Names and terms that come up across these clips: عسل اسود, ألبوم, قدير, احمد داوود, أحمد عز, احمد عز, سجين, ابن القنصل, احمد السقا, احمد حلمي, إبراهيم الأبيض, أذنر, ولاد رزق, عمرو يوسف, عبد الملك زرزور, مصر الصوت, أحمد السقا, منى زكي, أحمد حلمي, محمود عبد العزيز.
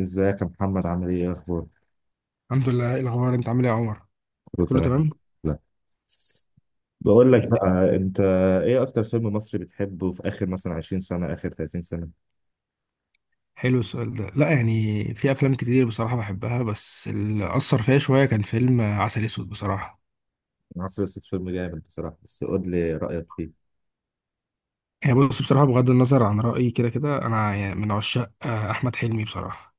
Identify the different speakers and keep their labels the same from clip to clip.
Speaker 1: ازيك يا محمد، عامل ايه اخبارك؟
Speaker 2: الحمد لله. ايه الاخبار؟ انت عامل ايه يا عمر؟
Speaker 1: كله
Speaker 2: كله
Speaker 1: تمام.
Speaker 2: تمام.
Speaker 1: لا. بقول
Speaker 2: إيه
Speaker 1: لك بقى، انت ايه اكتر فيلم مصري بتحبه في اخر مثلا 20 سنة، اخر 30 سنة؟
Speaker 2: حلو السؤال ده. لا يعني في افلام كتير بصراحه بحبها، بس اللي اثر فيا شويه كان فيلم عسل اسود بصراحه.
Speaker 1: مصر الصوت فيلم جامد بصراحة، بس قول لي رأيك فيه.
Speaker 2: يعني بص، بصراحه بغض النظر عن رايي كده كده انا يعني من عشاق احمد حلمي بصراحه.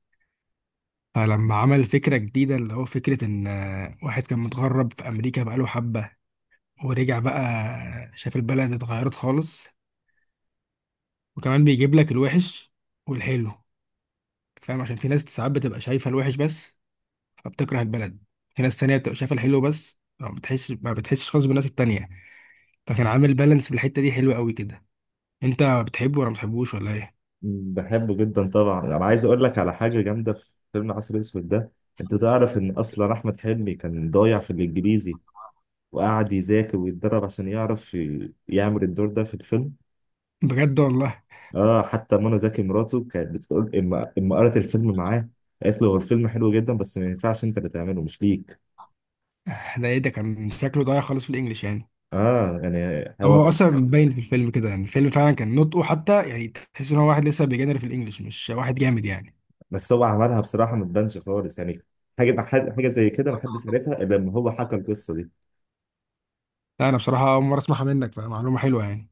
Speaker 2: فلما عمل فكره جديده اللي هو فكره ان واحد كان متغرب في امريكا بقاله حبه ورجع بقى. شاف البلد اتغيرت خالص، وكمان بيجيب لك الوحش والحلو، فاهم؟ عشان في ناس ساعات بتبقى شايفه الوحش بس فبتكره البلد. في ناس تانية بتبقى شايفة الحلو بس ما بتحسش خالص بالناس التانية. فكان عامل بالانس في الحتة دي، حلوة قوي كده. انت بتحبه ولا ما بتحبوش ولا ايه؟
Speaker 1: بحبه جدا طبعا، انا عايز اقول لك على حاجة جامدة في فيلم عسل اسود ده. انت تعرف ان اصلا احمد حلمي كان ضايع في الانجليزي. وقعد يذاكر ويتدرب عشان يعرف يعمل الدور ده في الفيلم.
Speaker 2: بجد والله.
Speaker 1: اه، حتى منى زكي مراته كانت بتقول اما قرأت الفيلم معاه. قالت له هو الفيلم حلو جدا، بس ما ينفعش انت اللي تعمله، مش ليك.
Speaker 2: ده ايه ده! كان شكله ضايع خالص في الانجليش يعني.
Speaker 1: اه، يعني
Speaker 2: اما
Speaker 1: هو.
Speaker 2: هو اصلا باين في الفيلم كده، يعني الفيلم فعلا كان نطقه، حتى يعني تحس ان هو واحد لسه بيجنر في الانجليش، مش واحد جامد يعني.
Speaker 1: بس هو عملها بصراحة، ما تبانش خالص يعني. حاجة، حاجة زي كده ما حدش عرفها الا لما هو حكى القصة دي.
Speaker 2: لا، انا بصراحة اول مرة اسمعها منك، فمعلومة حلوة يعني.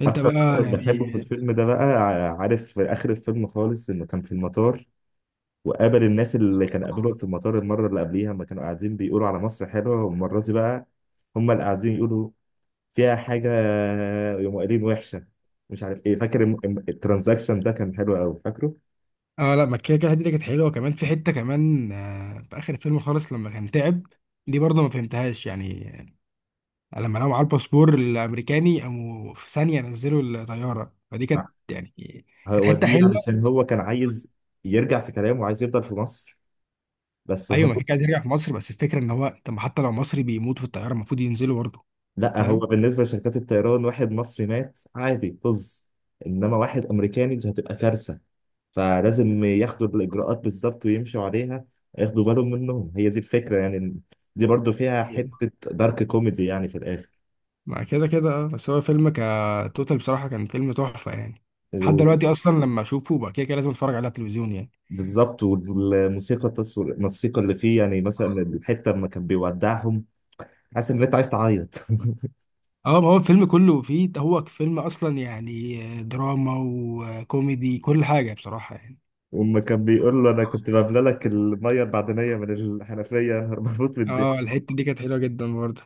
Speaker 2: انت بقى
Speaker 1: مشهد
Speaker 2: يعني
Speaker 1: بحبه في الفيلم ده بقى، عارف، في آخر الفيلم خالص إنه كان في المطار. وقابل الناس اللي كان قابلهم في المطار المرة اللي قبليها لما كانوا قاعدين بيقولوا على مصر حلوة، والمرة دي بقى هم اللي قاعدين يقولوا فيها حاجة، يوم قايلين وحشة مش عارف ايه، فاكر الترانزاكشن ده كان حلو قوي فاكره.
Speaker 2: اه. لا، ما كده كده الحته دي كانت حلوه، كمان في حته كمان في اخر الفيلم خالص لما كان تعب، دي برضه ما فهمتهاش يعني. لما لقوا معاه الباسبور الامريكاني قاموا في ثانيه نزلوا الطياره، فدي
Speaker 1: آه.
Speaker 2: كانت يعني كانت
Speaker 1: هو
Speaker 2: حته
Speaker 1: دي
Speaker 2: حلوه.
Speaker 1: علشان هو كان عايز يرجع في كلامه وعايز يفضل في مصر، بس
Speaker 2: ايوه ما
Speaker 1: هو.
Speaker 2: كان عايز يرجع في مصر، بس الفكره ان هو طب ما حتى لو مصري بيموت في الطياره المفروض ينزلوا برضه،
Speaker 1: لا، هو
Speaker 2: فاهم.
Speaker 1: بالنسبة لشركات الطيران، واحد مصري مات عادي طز. انما واحد امريكاني، دي هتبقى كارثة. فلازم ياخدوا الاجراءات بالظبط ويمشوا عليها. ياخدوا بالهم منهم، هي دي الفكرة يعني. دي برضو فيها حتة دارك كوميدي يعني، في
Speaker 2: مع كده كده اه، بس هو فيلم كتوتال بصراحه كان فيلم تحفه يعني. لحد
Speaker 1: الاخر.
Speaker 2: دلوقتي اصلا لما اشوفه بقى كده كده لازم اتفرج عليه على التلفزيون يعني.
Speaker 1: بالظبط، والموسيقى التصوير الموسيقى اللي فيه، يعني مثلا الحته لما كان بيودعهم، حاسس ان انت عايز تعيط.
Speaker 2: اه، ما هو الفيلم كله فيه، هو فيلم اصلا يعني دراما وكوميدي، كل حاجه بصراحه يعني.
Speaker 1: وأما كان بيقول له انا كنت بملى لك الميه المعدنيه من الحنفيه. انا بموت من الضحك.
Speaker 2: اه، الحته دي كانت حلوه جدا برضه.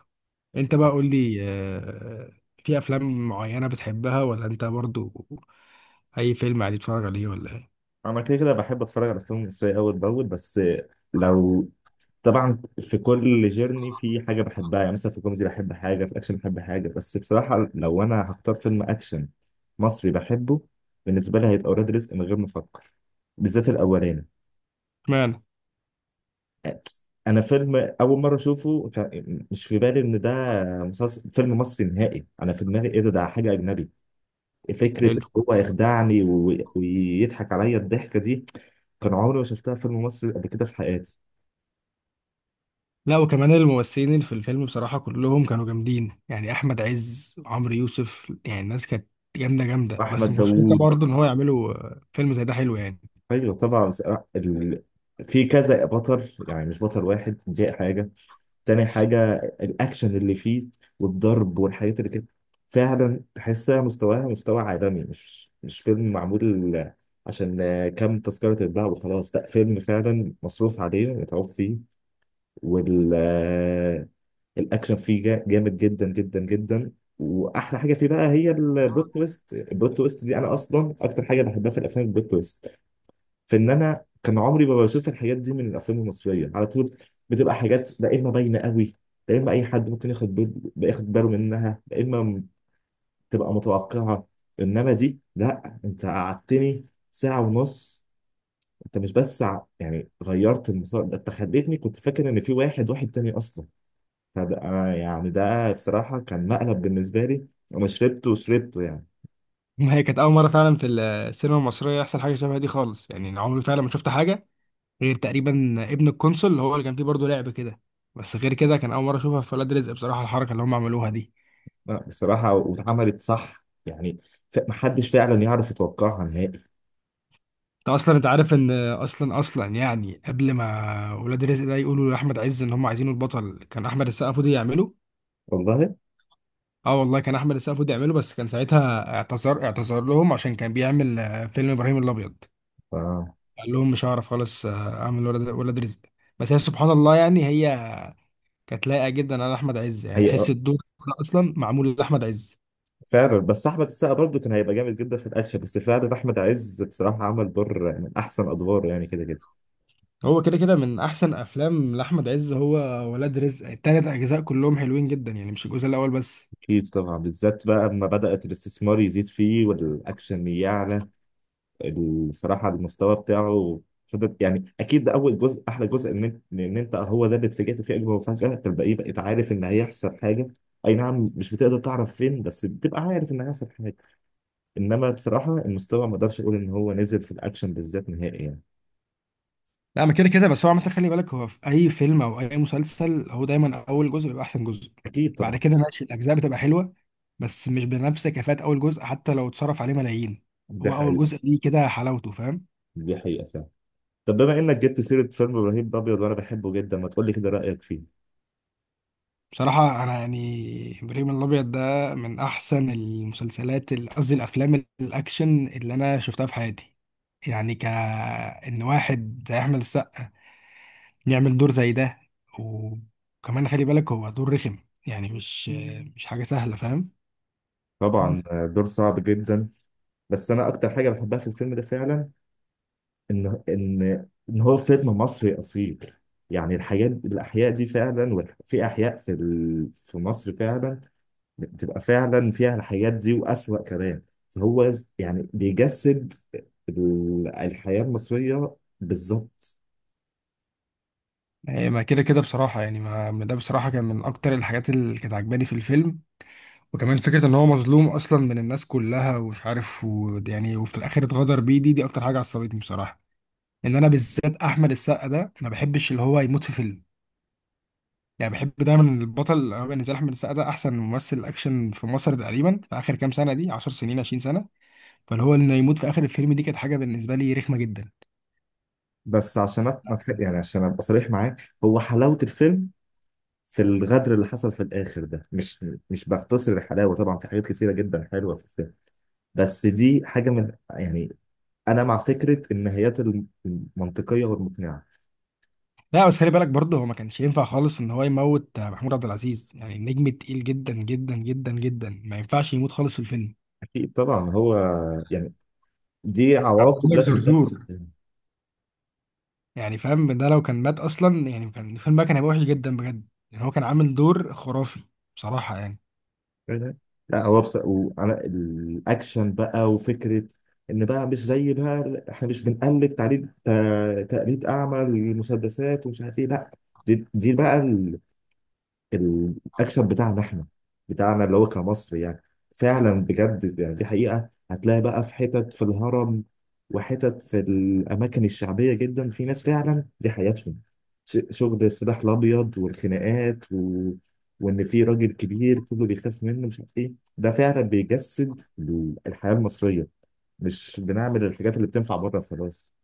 Speaker 2: انت بقى قول لي، في افلام معينه بتحبها، ولا انت برضو اي فيلم عادي تتفرج عليه ولا ايه؟
Speaker 1: انا كده كده بحب اتفرج على فيلم مصري اول باول، بس لو. طبعا في كل جيرني في حاجه بحبها، يعني مثلا في كوميدي بحب حاجه، في اكشن بحب حاجه، بس بصراحه لو انا هختار فيلم اكشن مصري بحبه بالنسبه لي هيبقى ولاد رزق من غير ما افكر. بالذات الاولاني.
Speaker 2: اشمعنى؟
Speaker 1: انا فيلم اول مره اشوفه مش في بالي ان ده مسلسل فيلم مصري نهائي. انا في دماغي ايه، ده حاجه اجنبي. فكره إن
Speaker 2: حلو.
Speaker 1: هو يخدعني ويضحك عليا الضحكه دي. كان عمري ما شفتها في فيلم مصري قبل كده في حياتي.
Speaker 2: لا، وكمان الممثلين اللي في الفيلم بصراحه كلهم كانوا جامدين، يعني احمد عز، عمرو يوسف، يعني الناس كانت جامده جامده. بس
Speaker 1: احمد
Speaker 2: ما كنتش متوقع
Speaker 1: داوود،
Speaker 2: برضه ان هو يعملوا فيلم زي ده حلو يعني.
Speaker 1: ايوه طبعا ال... في كذا بطل يعني، مش بطل واحد، دي حاجه. تاني حاجه، الاكشن اللي فيه والضرب والحاجات اللي كده، فعلا تحسها مستواها مستوى عالمي، مش فيلم معمول عشان كام تذكرة تتباع وخلاص. لا، فيلم فعلا مصروف عليه متعوب فيه. والأكشن فيه جامد جدا جدا جدا. وأحلى حاجة فيه بقى هي البلوت تويست، البلوت تويست دي أنا أصلا أكتر حاجة بحبها في الأفلام البلوت تويست. في ان انا كان عمري ما بشوف الحاجات دي من الافلام المصريه على طول. بتبقى حاجات لا اما باينه قوي، لا اما اي حد ممكن ياخد ياخد باله منها، لا اما تبقى متوقعه. انما دي لا، انت قعدتني ساعه ونص. انت مش بس يعني غيرت المسار ده، انت خليتني كنت فاكر ان في واحد تاني اصلا. فده أنا يعني ده بصراحه كان مقلب بالنسبه لي. انا شربته وشربته يعني.
Speaker 2: ما هي كانت اول مره فعلا في السينما المصريه يحصل حاجه شبه دي خالص، يعني أنا عمري فعلا ما شفت حاجه غير تقريبا ابن القنصل، اللي هو اللي كان فيه برضه لعب كده. بس غير كده كان اول مره اشوفها في ولاد رزق، بصراحه الحركه اللي هم عملوها دي.
Speaker 1: لا بصراحه واتعملت صح يعني. محدش فعلا يعرف يتوقعها نهائي.
Speaker 2: انت اصلا، انت عارف ان اصلا يعني قبل ما ولاد رزق ده يقولوا لاحمد عز ان هم عايزينه البطل، كان احمد السقا المفروض يعمله؟
Speaker 1: والله.
Speaker 2: اه والله، كان احمد السقا المفروض يعمله، بس كان ساعتها اعتذر لهم عشان كان بيعمل فيلم ابراهيم الابيض.
Speaker 1: ف
Speaker 2: قال لهم مش هعرف خالص اعمل ولاد رزق. بس هي سبحان الله، يعني هي كانت لايقه جدا على احمد عز، يعني
Speaker 1: هي
Speaker 2: تحس الدور ده اصلا معمول لاحمد عز.
Speaker 1: فعلا، بس احمد السقا برضه كان هيبقى جامد جدا في الاكشن، بس فعلا احمد عز بصراحه عمل دور من احسن ادواره يعني كده كده.
Speaker 2: هو كده كده من احسن افلام لاحمد عز. هو ولاد رزق التلات اجزاء كلهم حلوين جدا، يعني مش الجزء الاول بس.
Speaker 1: اكيد طبعا، بالذات بقى اما بدات الاستثمار يزيد فيه والاكشن يعلى بصراحه المستوى بتاعه فضل يعني، اكيد ده اول جزء احلى جزء، ان انت هو ده اللي اتفاجئت فيه اجمل مفاجاه، انت الباقي بقيت عارف ان هيحصل حاجه. اي نعم مش بتقدر تعرف فين، بس بتبقى عارف ان هيحصل حاجه. انما بصراحه المستوى ما اقدرش اقول ان هو نزل في الاكشن بالذات نهائي يعني.
Speaker 2: لا، ما كده كده، بس هو عامة خلي بالك هو في أي فيلم أو أي مسلسل هو دايما أول جزء بيبقى أحسن جزء.
Speaker 1: اكيد
Speaker 2: بعد
Speaker 1: طبعا.
Speaker 2: كده ماشي الأجزاء بتبقى حلوة، بس مش بنفس كفاءة أول جزء، حتى لو اتصرف عليه ملايين.
Speaker 1: دي
Speaker 2: هو أول
Speaker 1: حقيقة.
Speaker 2: جزء ليه كده حلاوته، فاهم.
Speaker 1: دي حقيقة فعلا. طب بما إنك جبت سيرة فيلم إبراهيم الأبيض وأنا بحبه جدا، ما تقولي كده رأيك فيه.
Speaker 2: بصراحة أنا يعني إبراهيم الأبيض ده من أحسن المسلسلات، قصدي الأفلام الأكشن اللي أنا شفتها في حياتي. يعني إن واحد زي أحمد السقا يعمل دور زي ده، وكمان خلي بالك هو دور رخم، يعني مش مم. مش حاجة سهلة، فاهم.
Speaker 1: طبعا، دور صعب جدا. بس أنا أكتر حاجة بحبها في الفيلم ده فعلا، إن هو فيلم مصري أصيل. يعني الحاجات الأحياء دي فعلا، في أحياء في مصر فعلا. بتبقى فعلا فيها الحاجات دي وأسوأ كمان. فهو يعني بيجسد الحياة المصرية بالظبط.
Speaker 2: يعني ما كده كده بصراحة، يعني ما ده بصراحة كان من أكتر الحاجات اللي كانت عجباني في الفيلم. وكمان فكرة إن هو مظلوم أصلا من الناس كلها، ومش عارف يعني وفي الآخر اتغدر بيه، دي أكتر حاجة عصبتني بصراحة. إن أنا بالذات أحمد السقا ده ما بحبش اللي هو يموت في فيلم. يعني بحب دايما البطل. أنا بالنسبة لي أحمد السقا ده أحسن ممثل أكشن في مصر تقريبا في آخر كام سنة دي، 10 سنين، 20 سنة. فاللي هو إنه يموت في آخر الفيلم دي كانت حاجة بالنسبة لي رخمة جدا.
Speaker 1: بس عشان ما تح- يعني عشان ابقى صريح معاك، هو حلاوه الفيلم في الغدر اللي حصل في الاخر ده، مش بختصر الحلاوه. طبعا في حاجات كتيره جدا حلوه في الفيلم، بس دي حاجه من يعني، انا مع فكره النهايات المنطقيه والمقنعه.
Speaker 2: لا بس خلي بالك برضه هو ما كانش ينفع خالص ان هو يموت. محمود عبد العزيز يعني نجم تقيل جدا جدا جدا جدا، ما ينفعش يموت خالص في الفيلم.
Speaker 1: اكيد طبعا، هو يعني دي
Speaker 2: عبد
Speaker 1: عواقب
Speaker 2: الملك
Speaker 1: لازم تحصل.
Speaker 2: زرزور، يعني فاهم. ده لو كان مات اصلا، يعني كان الفيلم بقى كان هيبقى وحش جدا بجد، يعني هو كان عامل دور خرافي بصراحه يعني.
Speaker 1: لا هو بس، وعلى الاكشن بقى وفكره ان بقى مش زي بقى، احنا مش بنقلد تقليد تقليد اعمى للمسدسات ومش عارف ايه، لا. دي بقى الاكشن بتاعنا احنا، بتاعنا اللي هو كمصر يعني. فعلا بجد، يعني دي حقيقة هتلاقي بقى في حتت في الهرم وحتت في الأماكن الشعبية جدا في ناس فعلا دي حياتهم. شغل السلاح الأبيض والخناقات، وإن في راجل كبير كله بيخاف منه مش عارف إيه، ده فعلا بيجسد الحياة المصرية. مش بنعمل الحاجات اللي بتنفع بره خلاص.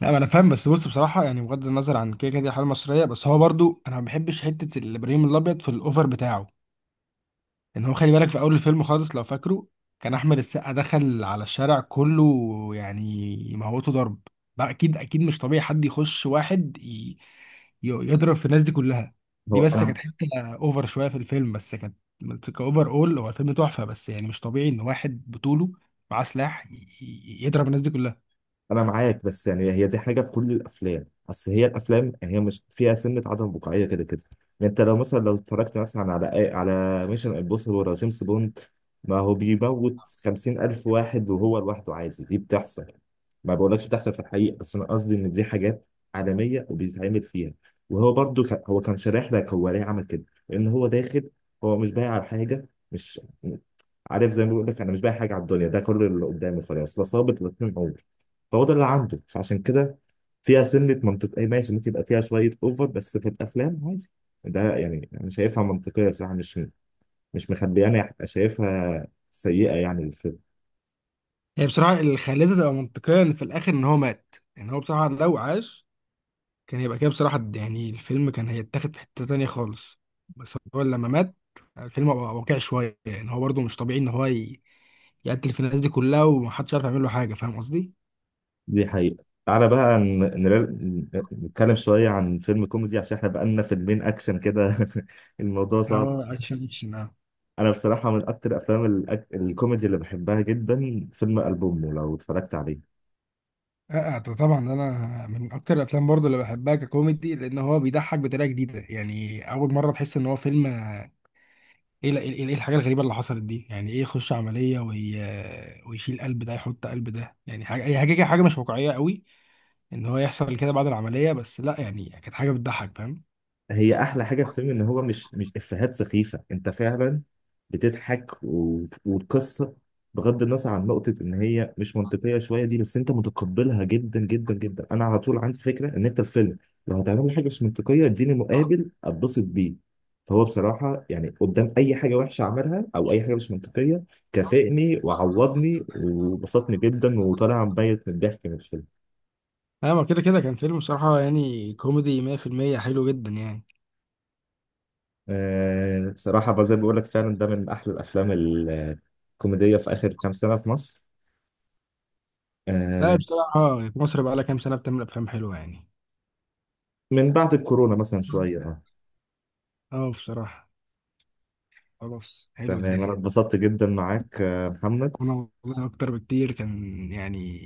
Speaker 2: لا ما انا فاهم، بس بص بصراحه يعني بغض النظر عن كده كده دي الحاله المصريه، بس هو برضه انا ما بحبش حته الابراهيم الابيض في الاوفر بتاعه. ان هو خلي بالك في اول الفيلم خالص لو فاكره، كان احمد السقا دخل على الشارع كله، يعني موته ضرب بقى. اكيد اكيد مش طبيعي حد يخش واحد يضرب في الناس دي كلها. دي
Speaker 1: هو
Speaker 2: بس
Speaker 1: أنا
Speaker 2: كانت حته اوفر شويه في الفيلم، بس كانت كاوفر. اول هو الفيلم تحفه، بس يعني مش طبيعي ان واحد بطوله معاه سلاح يضرب الناس دي كلها.
Speaker 1: انا معاك، بس يعني هي دي حاجه في كل الافلام، اصل هي الافلام يعني هي مش فيها سنه عدم واقعيه كده كده. يعني انت لو مثلا اتفرجت مثلا على ميشن امبوسيبل ولا جيمس بوند، ما هو بيموت 50,000 واحد وهو لوحده عادي، دي بتحصل. ما بقولكش بتحصل في الحقيقه، بس انا قصدي ان دي حاجات عالميه وبيتعمل فيها. وهو برضو هو كان شارح لك هو ليه عمل كده. لان هو داخل، هو مش بايع على حاجه، مش عارف، زي ما بيقول لك انا مش بايع حاجه على الدنيا، ده كل اللي قدامي خلاص فصابت الاثنين. فهو ده اللي عنده، فعشان كده فيها سنة منطق، اي ماشي، ممكن يبقى فيها شوية اوفر بس في الافلام عادي. ده يعني انا شايفها منطقية صراحة، مش مخبيانة هبقى شايفها سيئة يعني الفيلم.
Speaker 2: هي بصراحه اللي خلتها تبقى منطقيه ان في الاخر ان هو مات، ان هو بصراحه لو عاش كان هيبقى كده بصراحة يعني الفيلم كان هيتاخد في حتة تانية خالص. بس هو لما مات الفيلم بقى واقعي شوية، يعني هو برضه مش طبيعي إن هو يقتل في الناس دي كلها، ومحدش عارف يعمل له حاجة. فاهم قصدي؟
Speaker 1: دي حقيقة. تعالى بقى نتكلم شوية عن فيلم كوميدي، عشان احنا بقالنا فيلمين أكشن كده. الموضوع صعب.
Speaker 2: اه، اكشن اكشن اه.
Speaker 1: أنا بصراحة من أكتر أفلام الكوميدي اللي بحبها جدا فيلم ألبومه، لو اتفرجت عليه.
Speaker 2: طبعا انا من اكتر الافلام برضه اللي بحبها ككوميدي، لان هو بيضحك بطريقه جديده. يعني اول مره تحس ان هو فيلم ايه إيه الحاجه الغريبه اللي حصلت دي؟ يعني ايه يخش عمليه وي... آه، ويشيل قلب ده يحط قلب ده، يعني حاجه، هي حاجه مش واقعيه قوي ان هو يحصل كده بعد العمليه. بس لا، يعني كانت حاجه بتضحك، فاهم.
Speaker 1: هي احلى حاجه في الفيلم ان هو مش افيهات سخيفه، انت فعلا بتضحك والقصه بغض النظر عن نقطه ان هي مش منطقيه شويه دي، بس انت متقبلها جدا جدا جدا. انا على طول عندي فكره ان انت الفيلم لو هتعمل لي حاجه مش منطقيه اديني مقابل اتبسط بيه. فهو بصراحه يعني قدام اي حاجه وحشه عملها او اي حاجه مش منطقيه، كافئني وعوضني وبسطني جدا وطالع مبيت من الضحك من الفيلم.
Speaker 2: ايوه ما كده كده كان فيلم بصراحه يعني كوميدي 100% حلو جدا يعني.
Speaker 1: صراحة بقى زي ما بقول لك فعلا ده من أحلى الأفلام الكوميدية في آخر كام سنة في مصر.
Speaker 2: لا
Speaker 1: آه،
Speaker 2: بصراحه مصر بقى لها كام سنه بتعمل افلام حلوه يعني.
Speaker 1: من بعد الكورونا مثلا شوية. آه.
Speaker 2: اه بصراحه خلاص، حلو
Speaker 1: تمام، أنا
Speaker 2: الدنيا.
Speaker 1: اتبسطت جدا معاك محمد.
Speaker 2: انا والله اكتر بكتير، كان يعني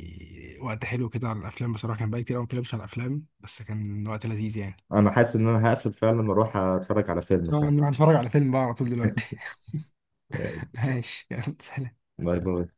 Speaker 2: وقت حلو كده على الافلام بصراحه، كان بقى كتير أوي ما بتكلمش على الافلام بس كان وقت لذيذ يعني.
Speaker 1: أنا حاسس إن أنا هقفل فعلا وأروح أتفرج على فيلم فعلا.
Speaker 2: نروح نتفرج على فيلم بقى على طول دلوقتي.
Speaker 1: آه،
Speaker 2: ماشي، يلا سلام.
Speaker 1: باي باي.